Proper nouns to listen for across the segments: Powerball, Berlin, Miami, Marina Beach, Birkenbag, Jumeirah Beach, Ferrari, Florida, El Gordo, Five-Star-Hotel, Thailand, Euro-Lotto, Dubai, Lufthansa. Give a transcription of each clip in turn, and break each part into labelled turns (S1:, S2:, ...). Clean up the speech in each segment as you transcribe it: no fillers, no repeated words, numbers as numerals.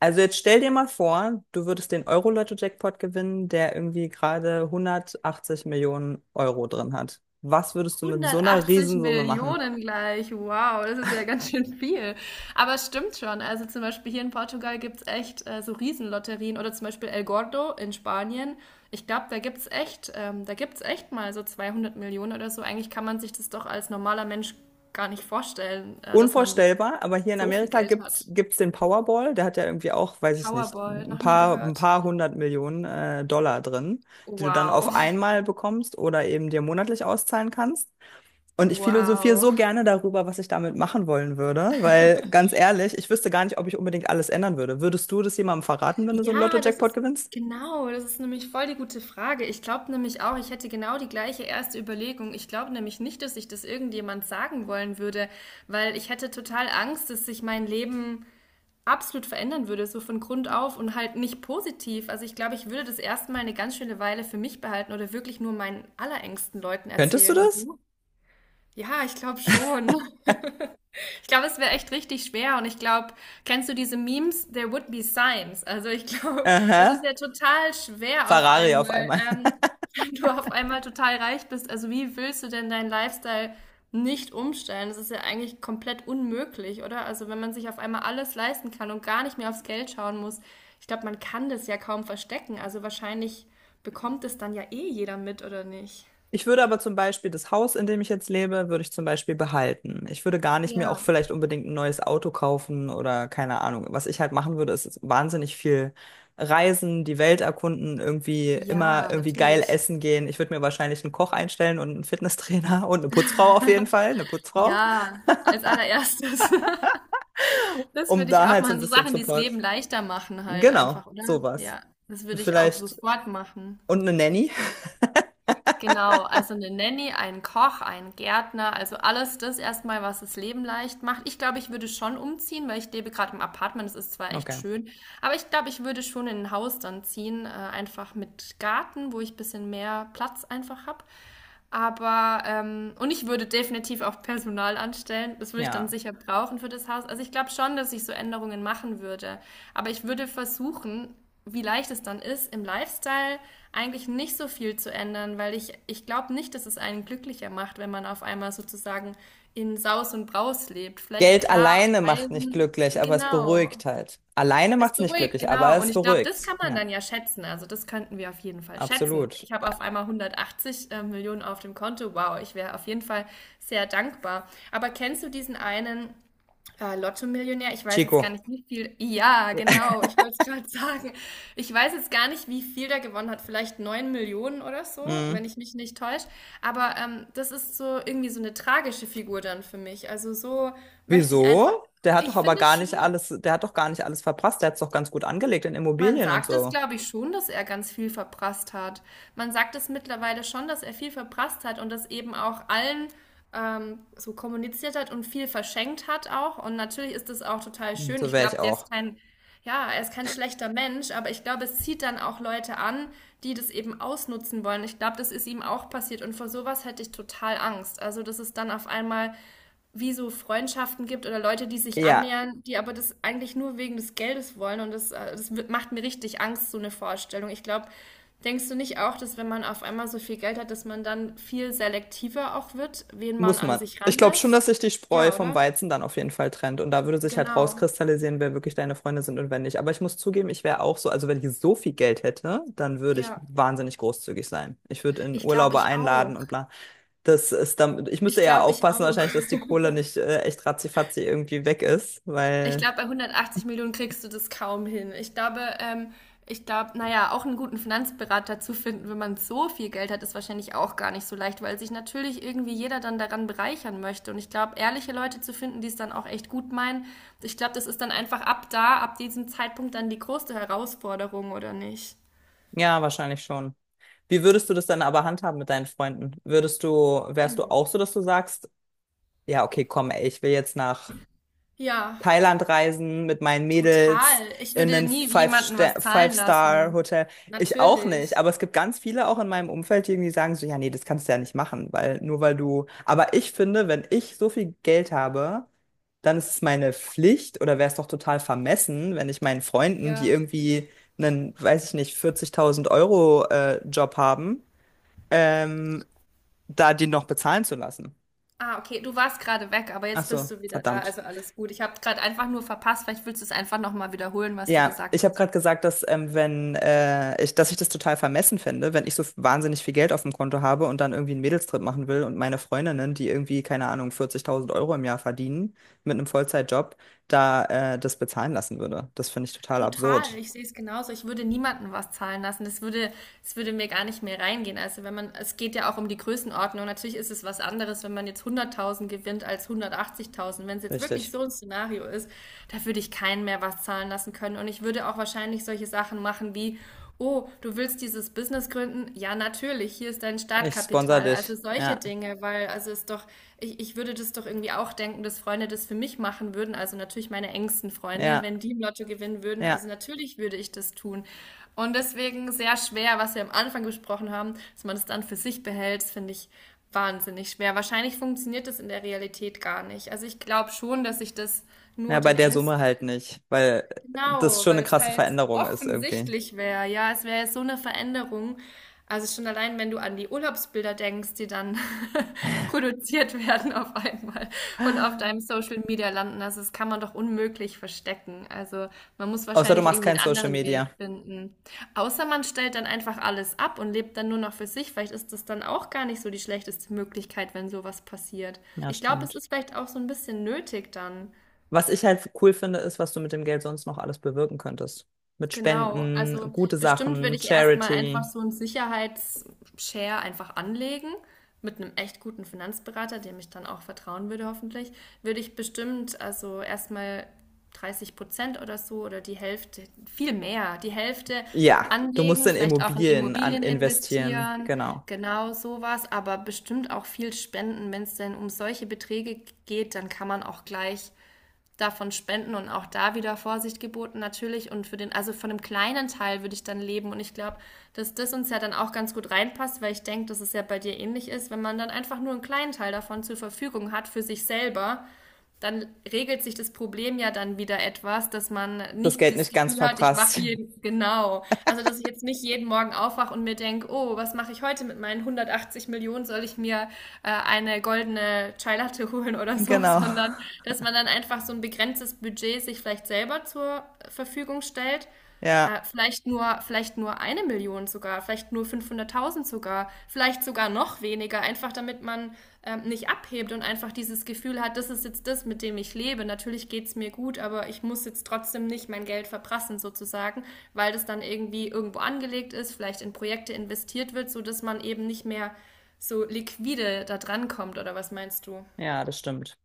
S1: Also jetzt stell dir mal vor, du würdest den Euro-Lotto-Jackpot gewinnen, der irgendwie gerade 180 Millionen Euro drin hat. Was würdest du mit so einer
S2: 180
S1: Riesensumme machen?
S2: Millionen gleich. Wow, das ist ja ganz schön viel. Aber es stimmt schon. Also zum Beispiel hier in Portugal gibt es echt so Riesenlotterien oder zum Beispiel El Gordo in Spanien. Ich glaube, da gibt es echt, da gibt's echt mal so 200 Millionen oder so. Eigentlich kann man sich das doch als normaler Mensch gar nicht vorstellen, dass man
S1: Unvorstellbar, aber hier in
S2: so viel
S1: Amerika
S2: Geld
S1: gibt's
S2: hat.
S1: gibt's den Powerball, der hat ja irgendwie auch, weiß ich nicht,
S2: Powerball,
S1: ein
S2: noch nie
S1: paar ein
S2: gehört.
S1: paar hundert Millionen Dollar drin, die du dann
S2: Wow,
S1: auf einmal bekommst oder eben dir monatlich auszahlen kannst. Und ich philosophiere
S2: wow.
S1: so gerne darüber, was ich damit machen wollen würde, weil ganz ehrlich, ich wüsste gar nicht, ob ich unbedingt alles ändern würde. Würdest du das jemandem verraten, wenn du so einen
S2: Ja, das
S1: Lotto-Jackpot
S2: ist
S1: gewinnst?
S2: genau, das ist nämlich voll die gute Frage. Ich glaube nämlich auch, ich hätte genau die gleiche erste Überlegung. Ich glaube nämlich nicht, dass ich das irgendjemand sagen wollen würde, weil ich hätte total Angst, dass sich mein Leben absolut verändern würde, so von Grund auf und halt nicht positiv. Also ich glaube, ich würde das erstmal eine ganz schöne Weile für mich behalten oder wirklich nur meinen allerengsten Leuten
S1: Könntest du
S2: erzählen. Und
S1: das?
S2: du? Ja, ich glaube schon. Ich glaube, es wäre echt richtig schwer und ich glaube, kennst du diese Memes? There would be signs. Also ich glaube, es ist
S1: Aha,
S2: ja total schwer auf
S1: Ferrari auf
S2: einmal,
S1: einmal.
S2: wenn du auf einmal total reich bist. Also wie willst du denn deinen Lifestyle nicht umstellen? Das ist ja eigentlich komplett unmöglich, oder? Also wenn man sich auf einmal alles leisten kann und gar nicht mehr aufs Geld schauen muss, ich glaube, man kann das ja kaum verstecken. Also wahrscheinlich bekommt es dann ja eh jeder mit, oder nicht?
S1: Ich würde aber zum Beispiel das Haus, in dem ich jetzt lebe, würde ich zum Beispiel behalten. Ich würde gar nicht mir
S2: Ja,
S1: auch vielleicht unbedingt ein neues Auto kaufen oder keine Ahnung. Was ich halt machen würde, ist wahnsinnig viel reisen, die Welt erkunden, irgendwie immer
S2: ja,
S1: irgendwie geil
S2: natürlich.
S1: essen gehen. Ich würde mir wahrscheinlich einen Koch einstellen und einen Fitnesstrainer und eine Putzfrau auf jeden Fall, eine Putzfrau,
S2: Ja, als allererstes. Das
S1: um
S2: würde ich
S1: da
S2: auch
S1: halt so ein
S2: machen. So
S1: bisschen
S2: Sachen, die das Leben
S1: Support.
S2: leichter machen halt
S1: Genau,
S2: einfach, oder?
S1: sowas.
S2: Ja, das würde ich auch
S1: Vielleicht
S2: sofort machen.
S1: und eine Nanny.
S2: Genau, also eine Nanny, ein Koch, ein Gärtner, also alles das erstmal, was das Leben leicht macht. Ich glaube, ich würde schon umziehen, weil ich lebe gerade im Apartment, das ist zwar echt
S1: Okay,
S2: schön, aber ich glaube, ich würde schon in ein Haus dann ziehen, einfach mit Garten, wo ich ein bisschen mehr Platz einfach habe. Aber, und ich würde definitiv auch Personal anstellen. Das würde ich dann
S1: ja.
S2: sicher brauchen für das Haus. Also ich glaube schon, dass ich so Änderungen machen würde. Aber ich würde versuchen, wie leicht es dann ist, im Lifestyle eigentlich nicht so viel zu ändern, weil ich glaube nicht, dass es einen glücklicher macht, wenn man auf einmal sozusagen in Saus und Braus lebt. Vielleicht
S1: Geld
S2: klar,
S1: alleine macht nicht
S2: Reisen,
S1: glücklich, aber es
S2: genau.
S1: beruhigt halt. Alleine
S2: Es
S1: macht es nicht
S2: beruhigt,
S1: glücklich, aber
S2: genau. Und
S1: es
S2: ich glaube, das
S1: beruhigt.
S2: kann man
S1: Ja,
S2: dann ja schätzen. Also das könnten wir auf jeden Fall schätzen.
S1: absolut.
S2: Ich habe auf einmal 180 Millionen auf dem Konto. Wow, ich wäre auf jeden Fall sehr dankbar. Aber kennst du diesen einen Lotto-Millionär? Ich weiß jetzt gar
S1: Chico.
S2: nicht, wie viel. Ja,
S1: Ja.
S2: genau. Ich wollte es gerade sagen. Ich weiß jetzt gar nicht, wie viel der gewonnen hat. Vielleicht 9 Millionen oder so,
S1: Mhm.
S2: wenn ich mich nicht täusche. Aber das ist so irgendwie so eine tragische Figur dann für mich. Also so möchte ich einfach.
S1: Wieso? Der hat doch
S2: Ich
S1: aber
S2: finde
S1: gar nicht
S2: schon.
S1: alles, der hat doch gar nicht alles verprasst. Der hat es doch ganz gut angelegt in
S2: Man
S1: Immobilien und
S2: sagt es,
S1: so.
S2: glaube ich, schon, dass er ganz viel verprasst hat. Man sagt es mittlerweile schon, dass er viel verprasst hat und das eben auch allen so kommuniziert hat und viel verschenkt hat auch. Und natürlich ist das auch total schön.
S1: So
S2: Ich
S1: wäre ich
S2: glaube, der ist
S1: auch.
S2: kein, Ja, er ist kein schlechter Mensch, aber ich glaube, es zieht dann auch Leute an, die das eben ausnutzen wollen. Ich glaube, das ist ihm auch passiert und vor sowas hätte ich total Angst. Also, das ist dann auf einmal wie so Freundschaften gibt oder Leute, die sich
S1: Ja,
S2: annähern, die aber das eigentlich nur wegen des Geldes wollen. Und das macht mir richtig Angst, so eine Vorstellung. Ich glaube, denkst du nicht auch, dass wenn man auf einmal so viel Geld hat, dass man dann viel selektiver auch wird, wen man
S1: muss
S2: an
S1: man.
S2: sich
S1: Ich glaube schon, dass
S2: ranlässt?
S1: sich die Spreu
S2: Ja,
S1: vom
S2: oder?
S1: Weizen dann auf jeden Fall trennt. Und da würde sich halt
S2: Genau.
S1: rauskristallisieren, wer wirklich deine Freunde sind und wer nicht. Aber ich muss zugeben, ich wäre auch so, also wenn ich so viel Geld hätte, dann würde ich
S2: Ja.
S1: wahnsinnig großzügig sein. Ich würde in
S2: Ich glaube,
S1: Urlaube
S2: ich auch.
S1: einladen und bla. Das ist dann, ich müsste
S2: Ich
S1: eher
S2: glaube, ich
S1: aufpassen
S2: auch.
S1: wahrscheinlich, dass die Kohle nicht echt ratzifatzi irgendwie weg ist,
S2: Ich
S1: weil
S2: glaube, bei 180 Millionen kriegst du das kaum hin. Ich glaube, naja, auch einen guten Finanzberater zu finden, wenn man so viel Geld hat, ist wahrscheinlich auch gar nicht so leicht, weil sich natürlich irgendwie jeder dann daran bereichern möchte. Und ich glaube, ehrliche Leute zu finden, die es dann auch echt gut meinen, ich glaube, das ist dann einfach ab diesem Zeitpunkt dann die größte Herausforderung, oder nicht?
S1: ja, wahrscheinlich schon. Wie würdest du das dann aber handhaben mit deinen Freunden? Würdest du, wärst du
S2: Hm.
S1: auch so, dass du sagst, ja, okay, komm, ey, ich will jetzt nach
S2: Ja,
S1: Thailand reisen mit meinen Mädels
S2: total. Ich
S1: in
S2: würde
S1: ein
S2: nie jemanden was zahlen lassen.
S1: Five-Star-Hotel? Ich auch nicht,
S2: Natürlich.
S1: aber es gibt ganz viele auch in meinem Umfeld, die irgendwie sagen so, ja, nee, das kannst du ja nicht machen, weil nur weil du, aber ich finde, wenn ich so viel Geld habe, dann ist es meine Pflicht oder wäre es doch total vermessen, wenn ich meinen Freunden, die
S2: Ja.
S1: irgendwie einen, weiß ich nicht, 40.000 Euro Job haben, ähm, da die noch bezahlen zu lassen.
S2: Ah, okay, du warst gerade weg, aber
S1: Ach
S2: jetzt bist
S1: so,
S2: du wieder da,
S1: verdammt.
S2: also alles gut. Ich habe gerade einfach nur verpasst, vielleicht willst du es einfach nochmal wiederholen, was du
S1: Ja,
S2: gesagt
S1: ich habe
S2: hast.
S1: gerade gesagt, dass wenn ich, dass ich das total vermessen fände, wenn ich so wahnsinnig viel Geld auf dem Konto habe und dann irgendwie einen Mädelstrip machen will und meine Freundinnen, die irgendwie, keine Ahnung, 40.000 Euro im Jahr verdienen mit einem Vollzeitjob, da das bezahlen lassen würde. Das finde ich total
S2: Total,
S1: absurd.
S2: ich sehe es genauso. Ich würde niemandem was zahlen lassen. Das würde mir gar nicht mehr reingehen. Also wenn man, es geht ja auch um die Größenordnung. Natürlich ist es was anderes, wenn man jetzt 100.000 gewinnt als 180.000. Wenn es jetzt wirklich
S1: Richtig.
S2: so ein Szenario ist, da würde ich keinen mehr was zahlen lassen können. Und ich würde auch wahrscheinlich solche Sachen machen wie: oh, du willst dieses Business gründen? Ja, natürlich, hier ist dein
S1: Ich sponsor
S2: Startkapital. Also
S1: dich.
S2: solche
S1: Ja,
S2: Dinge, weil also ist doch, ich würde das doch irgendwie auch denken, dass Freunde das für mich machen würden, also natürlich meine engsten Freunde,
S1: ja,
S2: wenn die im Lotto gewinnen würden, also
S1: ja.
S2: natürlich würde ich das tun. Und deswegen sehr schwer, was wir am Anfang besprochen haben, dass man das dann für sich behält, das finde ich wahnsinnig schwer. Wahrscheinlich funktioniert das in der Realität gar nicht. Also ich glaube schon, dass ich das
S1: Ja,
S2: nur
S1: bei
S2: den
S1: der
S2: engsten.
S1: Summe halt nicht, weil das
S2: Genau,
S1: schon eine
S2: weil es
S1: krasse
S2: halt
S1: Veränderung ist irgendwie.
S2: offensichtlich wäre. Ja, es wäre so eine Veränderung. Also schon allein, wenn du an die Urlaubsbilder denkst, die dann produziert werden auf einmal und auf deinem Social Media landen. Also das kann man doch unmöglich verstecken. Also man muss
S1: Außer du
S2: wahrscheinlich
S1: machst
S2: irgendwie
S1: kein
S2: einen
S1: Social
S2: anderen Weg
S1: Media.
S2: finden. Außer man stellt dann einfach alles ab und lebt dann nur noch für sich. Vielleicht ist das dann auch gar nicht so die schlechteste Möglichkeit, wenn sowas passiert.
S1: Ja,
S2: Ich glaube, es
S1: stimmt.
S2: ist vielleicht auch so ein bisschen nötig dann.
S1: Was ich halt cool finde, ist, was du mit dem Geld sonst noch alles bewirken könntest. Mit
S2: Genau,
S1: Spenden,
S2: also
S1: gute
S2: bestimmt würde
S1: Sachen,
S2: ich erstmal einfach
S1: Charity.
S2: so einen Sicherheitsshare einfach anlegen mit einem echt guten Finanzberater, dem ich dann auch vertrauen würde, hoffentlich. Würde ich bestimmt also erstmal 30% oder so oder die Hälfte, viel mehr, die Hälfte
S1: Ja, du musst
S2: anlegen,
S1: in
S2: vielleicht auch in
S1: Immobilien an
S2: Immobilien
S1: investieren.
S2: investieren,
S1: Genau.
S2: genau sowas, aber bestimmt auch viel spenden. Wenn es denn um solche Beträge geht, dann kann man auch gleich davon spenden und auch da wieder Vorsicht geboten natürlich und für den, also von einem kleinen Teil würde ich dann leben und ich glaube, dass das uns ja dann auch ganz gut reinpasst, weil ich denke, dass es ja bei dir ähnlich ist, wenn man dann einfach nur einen kleinen Teil davon zur Verfügung hat für sich selber, dann regelt sich das Problem ja dann wieder etwas, dass man
S1: Das
S2: nicht
S1: Geld
S2: das
S1: nicht ganz
S2: Gefühl hat, ich wache
S1: verprasst.
S2: hier genau. Also, dass ich jetzt nicht jeden Morgen aufwache und mir denke, oh, was mache ich heute mit meinen 180 Millionen? Soll ich mir eine goldene Chai Latte holen oder so?
S1: Genau.
S2: Sondern, dass man dann einfach so ein begrenztes Budget sich vielleicht selber zur Verfügung stellt
S1: Ja,
S2: vielleicht nur 1 Million sogar, vielleicht nur 500.000 sogar, vielleicht sogar noch weniger, einfach damit man nicht abhebt und einfach dieses Gefühl hat, das ist jetzt das, mit dem ich lebe. Natürlich geht's mir gut, aber ich muss jetzt trotzdem nicht mein Geld verprassen sozusagen, weil das dann irgendwie irgendwo angelegt ist, vielleicht in Projekte investiert wird, so dass man eben nicht mehr so liquide da dran kommt, oder was meinst du?
S1: ja, das stimmt.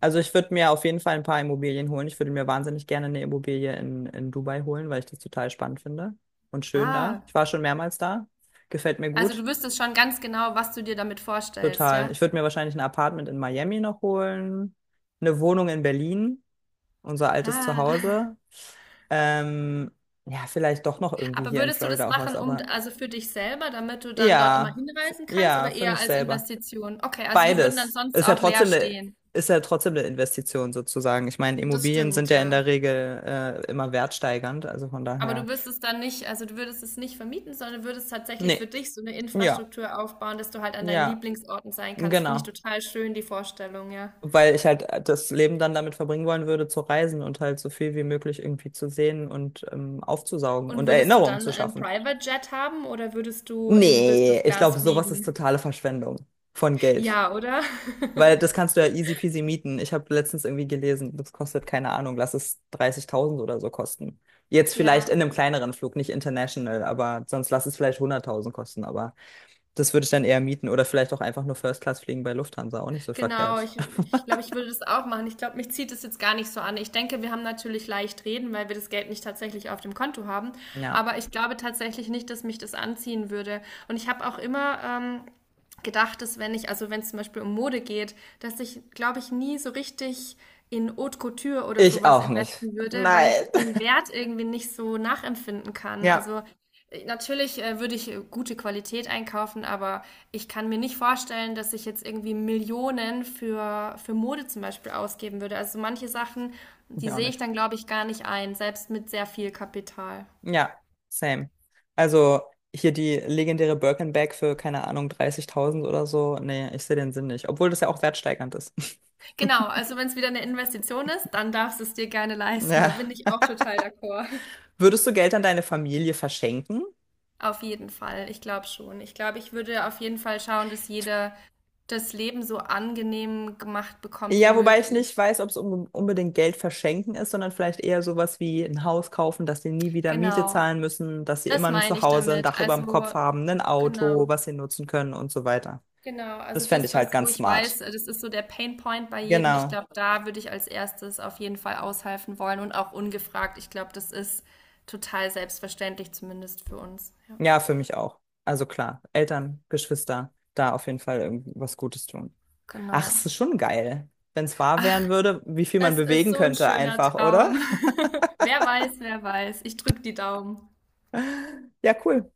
S1: Also ich würde mir auf jeden Fall ein paar Immobilien holen. Ich würde mir wahnsinnig gerne eine Immobilie in Dubai holen, weil ich das total spannend finde und schön da.
S2: Ah,
S1: Ich war schon mehrmals da. Gefällt mir
S2: also du
S1: gut.
S2: wüsstest schon ganz genau, was du dir damit vorstellst,
S1: Total.
S2: ja?
S1: Ich würde mir wahrscheinlich ein Apartment in Miami noch holen, eine Wohnung in Berlin, unser altes
S2: Ah.
S1: Zuhause. Ähm, ja, vielleicht doch noch irgendwie
S2: Aber
S1: hier in
S2: würdest du das
S1: Florida auch was,
S2: machen, um
S1: aber
S2: also für dich selber, damit du dann dort immer
S1: ja,
S2: hinreisen kannst
S1: ja,
S2: oder
S1: für
S2: eher
S1: mich
S2: als
S1: selber.
S2: Investition? Okay, also die würden dann
S1: Beides.
S2: sonst
S1: Ist ja
S2: auch leer
S1: trotzdem eine,
S2: stehen.
S1: ist ja trotzdem eine Investition sozusagen. Ich meine,
S2: Das
S1: Immobilien sind
S2: stimmt,
S1: ja in
S2: ja.
S1: der Regel immer wertsteigernd, also von
S2: Aber du
S1: daher.
S2: wirst es dann nicht, also du würdest es nicht vermieten, sondern würdest tatsächlich für
S1: Nee,
S2: dich so eine
S1: ja,
S2: Infrastruktur aufbauen, dass du halt an deinen
S1: ja,
S2: Lieblingsorten sein kannst. Finde ich
S1: genau.
S2: total schön, die Vorstellung, ja.
S1: Weil ich halt das Leben dann damit verbringen wollen würde, zu reisen und halt so viel wie möglich irgendwie zu sehen und aufzusaugen und
S2: Und würdest du
S1: Erinnerungen
S2: dann
S1: zu
S2: einen
S1: schaffen.
S2: Private Jet haben oder würdest du in
S1: Nee,
S2: Business
S1: ich
S2: Class
S1: glaube, sowas ist
S2: fliegen?
S1: totale Verschwendung von Geld.
S2: Ja, oder?
S1: Weil das kannst du ja easy peasy mieten. Ich habe letztens irgendwie gelesen, das kostet, keine Ahnung, lass es 30.000 oder so kosten. Jetzt vielleicht
S2: Ja,
S1: in einem kleineren Flug, nicht international, aber sonst lass es vielleicht 100.000 kosten. Aber das würde ich dann eher mieten oder vielleicht auch einfach nur First Class fliegen bei Lufthansa, auch nicht so
S2: genau,
S1: verkehrt.
S2: ich glaube, ich würde das auch machen. Ich glaube, mich zieht es jetzt gar nicht so an. Ich denke, wir haben natürlich leicht reden, weil wir das Geld nicht tatsächlich auf dem Konto haben.
S1: Ja.
S2: Aber ich glaube tatsächlich nicht, dass mich das anziehen würde. Und ich habe auch immer gedacht, dass wenn ich, also wenn es zum Beispiel um Mode geht, dass ich, glaube ich, nie so richtig in Haute Couture oder
S1: Ich
S2: sowas
S1: auch nicht.
S2: investen würde, weil ich
S1: Nein.
S2: den Wert irgendwie nicht so nachempfinden kann.
S1: Ja,
S2: Also natürlich würde ich gute Qualität einkaufen, aber ich kann mir nicht vorstellen, dass ich jetzt irgendwie Millionen für Mode zum Beispiel ausgeben würde. Also manche Sachen,
S1: ich
S2: die
S1: auch
S2: sehe ich
S1: nicht.
S2: dann, glaube ich, gar nicht ein, selbst mit sehr viel Kapital.
S1: Ja, same. Also hier die legendäre Birkenbag für, keine Ahnung, 30.000 oder so. Nee, ich sehe den Sinn nicht. Obwohl das ja auch wertsteigernd ist.
S2: Genau, also wenn es wieder eine Investition ist, dann darfst du es dir gerne leisten. Da
S1: Ja.
S2: bin ich auch total d'accord.
S1: Würdest du Geld an deine Familie verschenken?
S2: Auf jeden Fall, ich glaube schon. Ich glaube, ich würde auf jeden Fall schauen, dass jeder das Leben so angenehm gemacht bekommt wie
S1: Ja, wobei ich nicht
S2: möglich.
S1: weiß, ob es un unbedingt Geld verschenken ist, sondern vielleicht eher sowas wie ein Haus kaufen, dass sie nie wieder Miete
S2: Genau,
S1: zahlen müssen, dass sie immer
S2: das
S1: ein
S2: meine ich
S1: Zuhause, ein
S2: damit.
S1: Dach über dem
S2: Also
S1: Kopf haben, ein Auto,
S2: genau,
S1: was sie nutzen können und so weiter.
S2: genau. Also
S1: Das fände
S2: das,
S1: ich
S2: was
S1: halt
S2: wo
S1: ganz
S2: ich
S1: smart.
S2: weiß, das ist so der Pain Point bei jedem. Ich
S1: Genau.
S2: glaube, da würde ich als erstes auf jeden Fall aushelfen wollen und auch ungefragt. Ich glaube, das ist total selbstverständlich, zumindest für uns. Ja,
S1: Ja, für mich auch. Also klar, Eltern, Geschwister, da auf jeden Fall irgendwie was Gutes tun. Ach,
S2: genau.
S1: es ist schon geil, wenn es wahr werden würde, wie viel man
S2: Es ist
S1: bewegen
S2: so ein
S1: könnte
S2: schöner
S1: einfach, oder?
S2: Traum. Wer weiß, wer weiß. Ich drücke die Daumen.
S1: Ja, cool.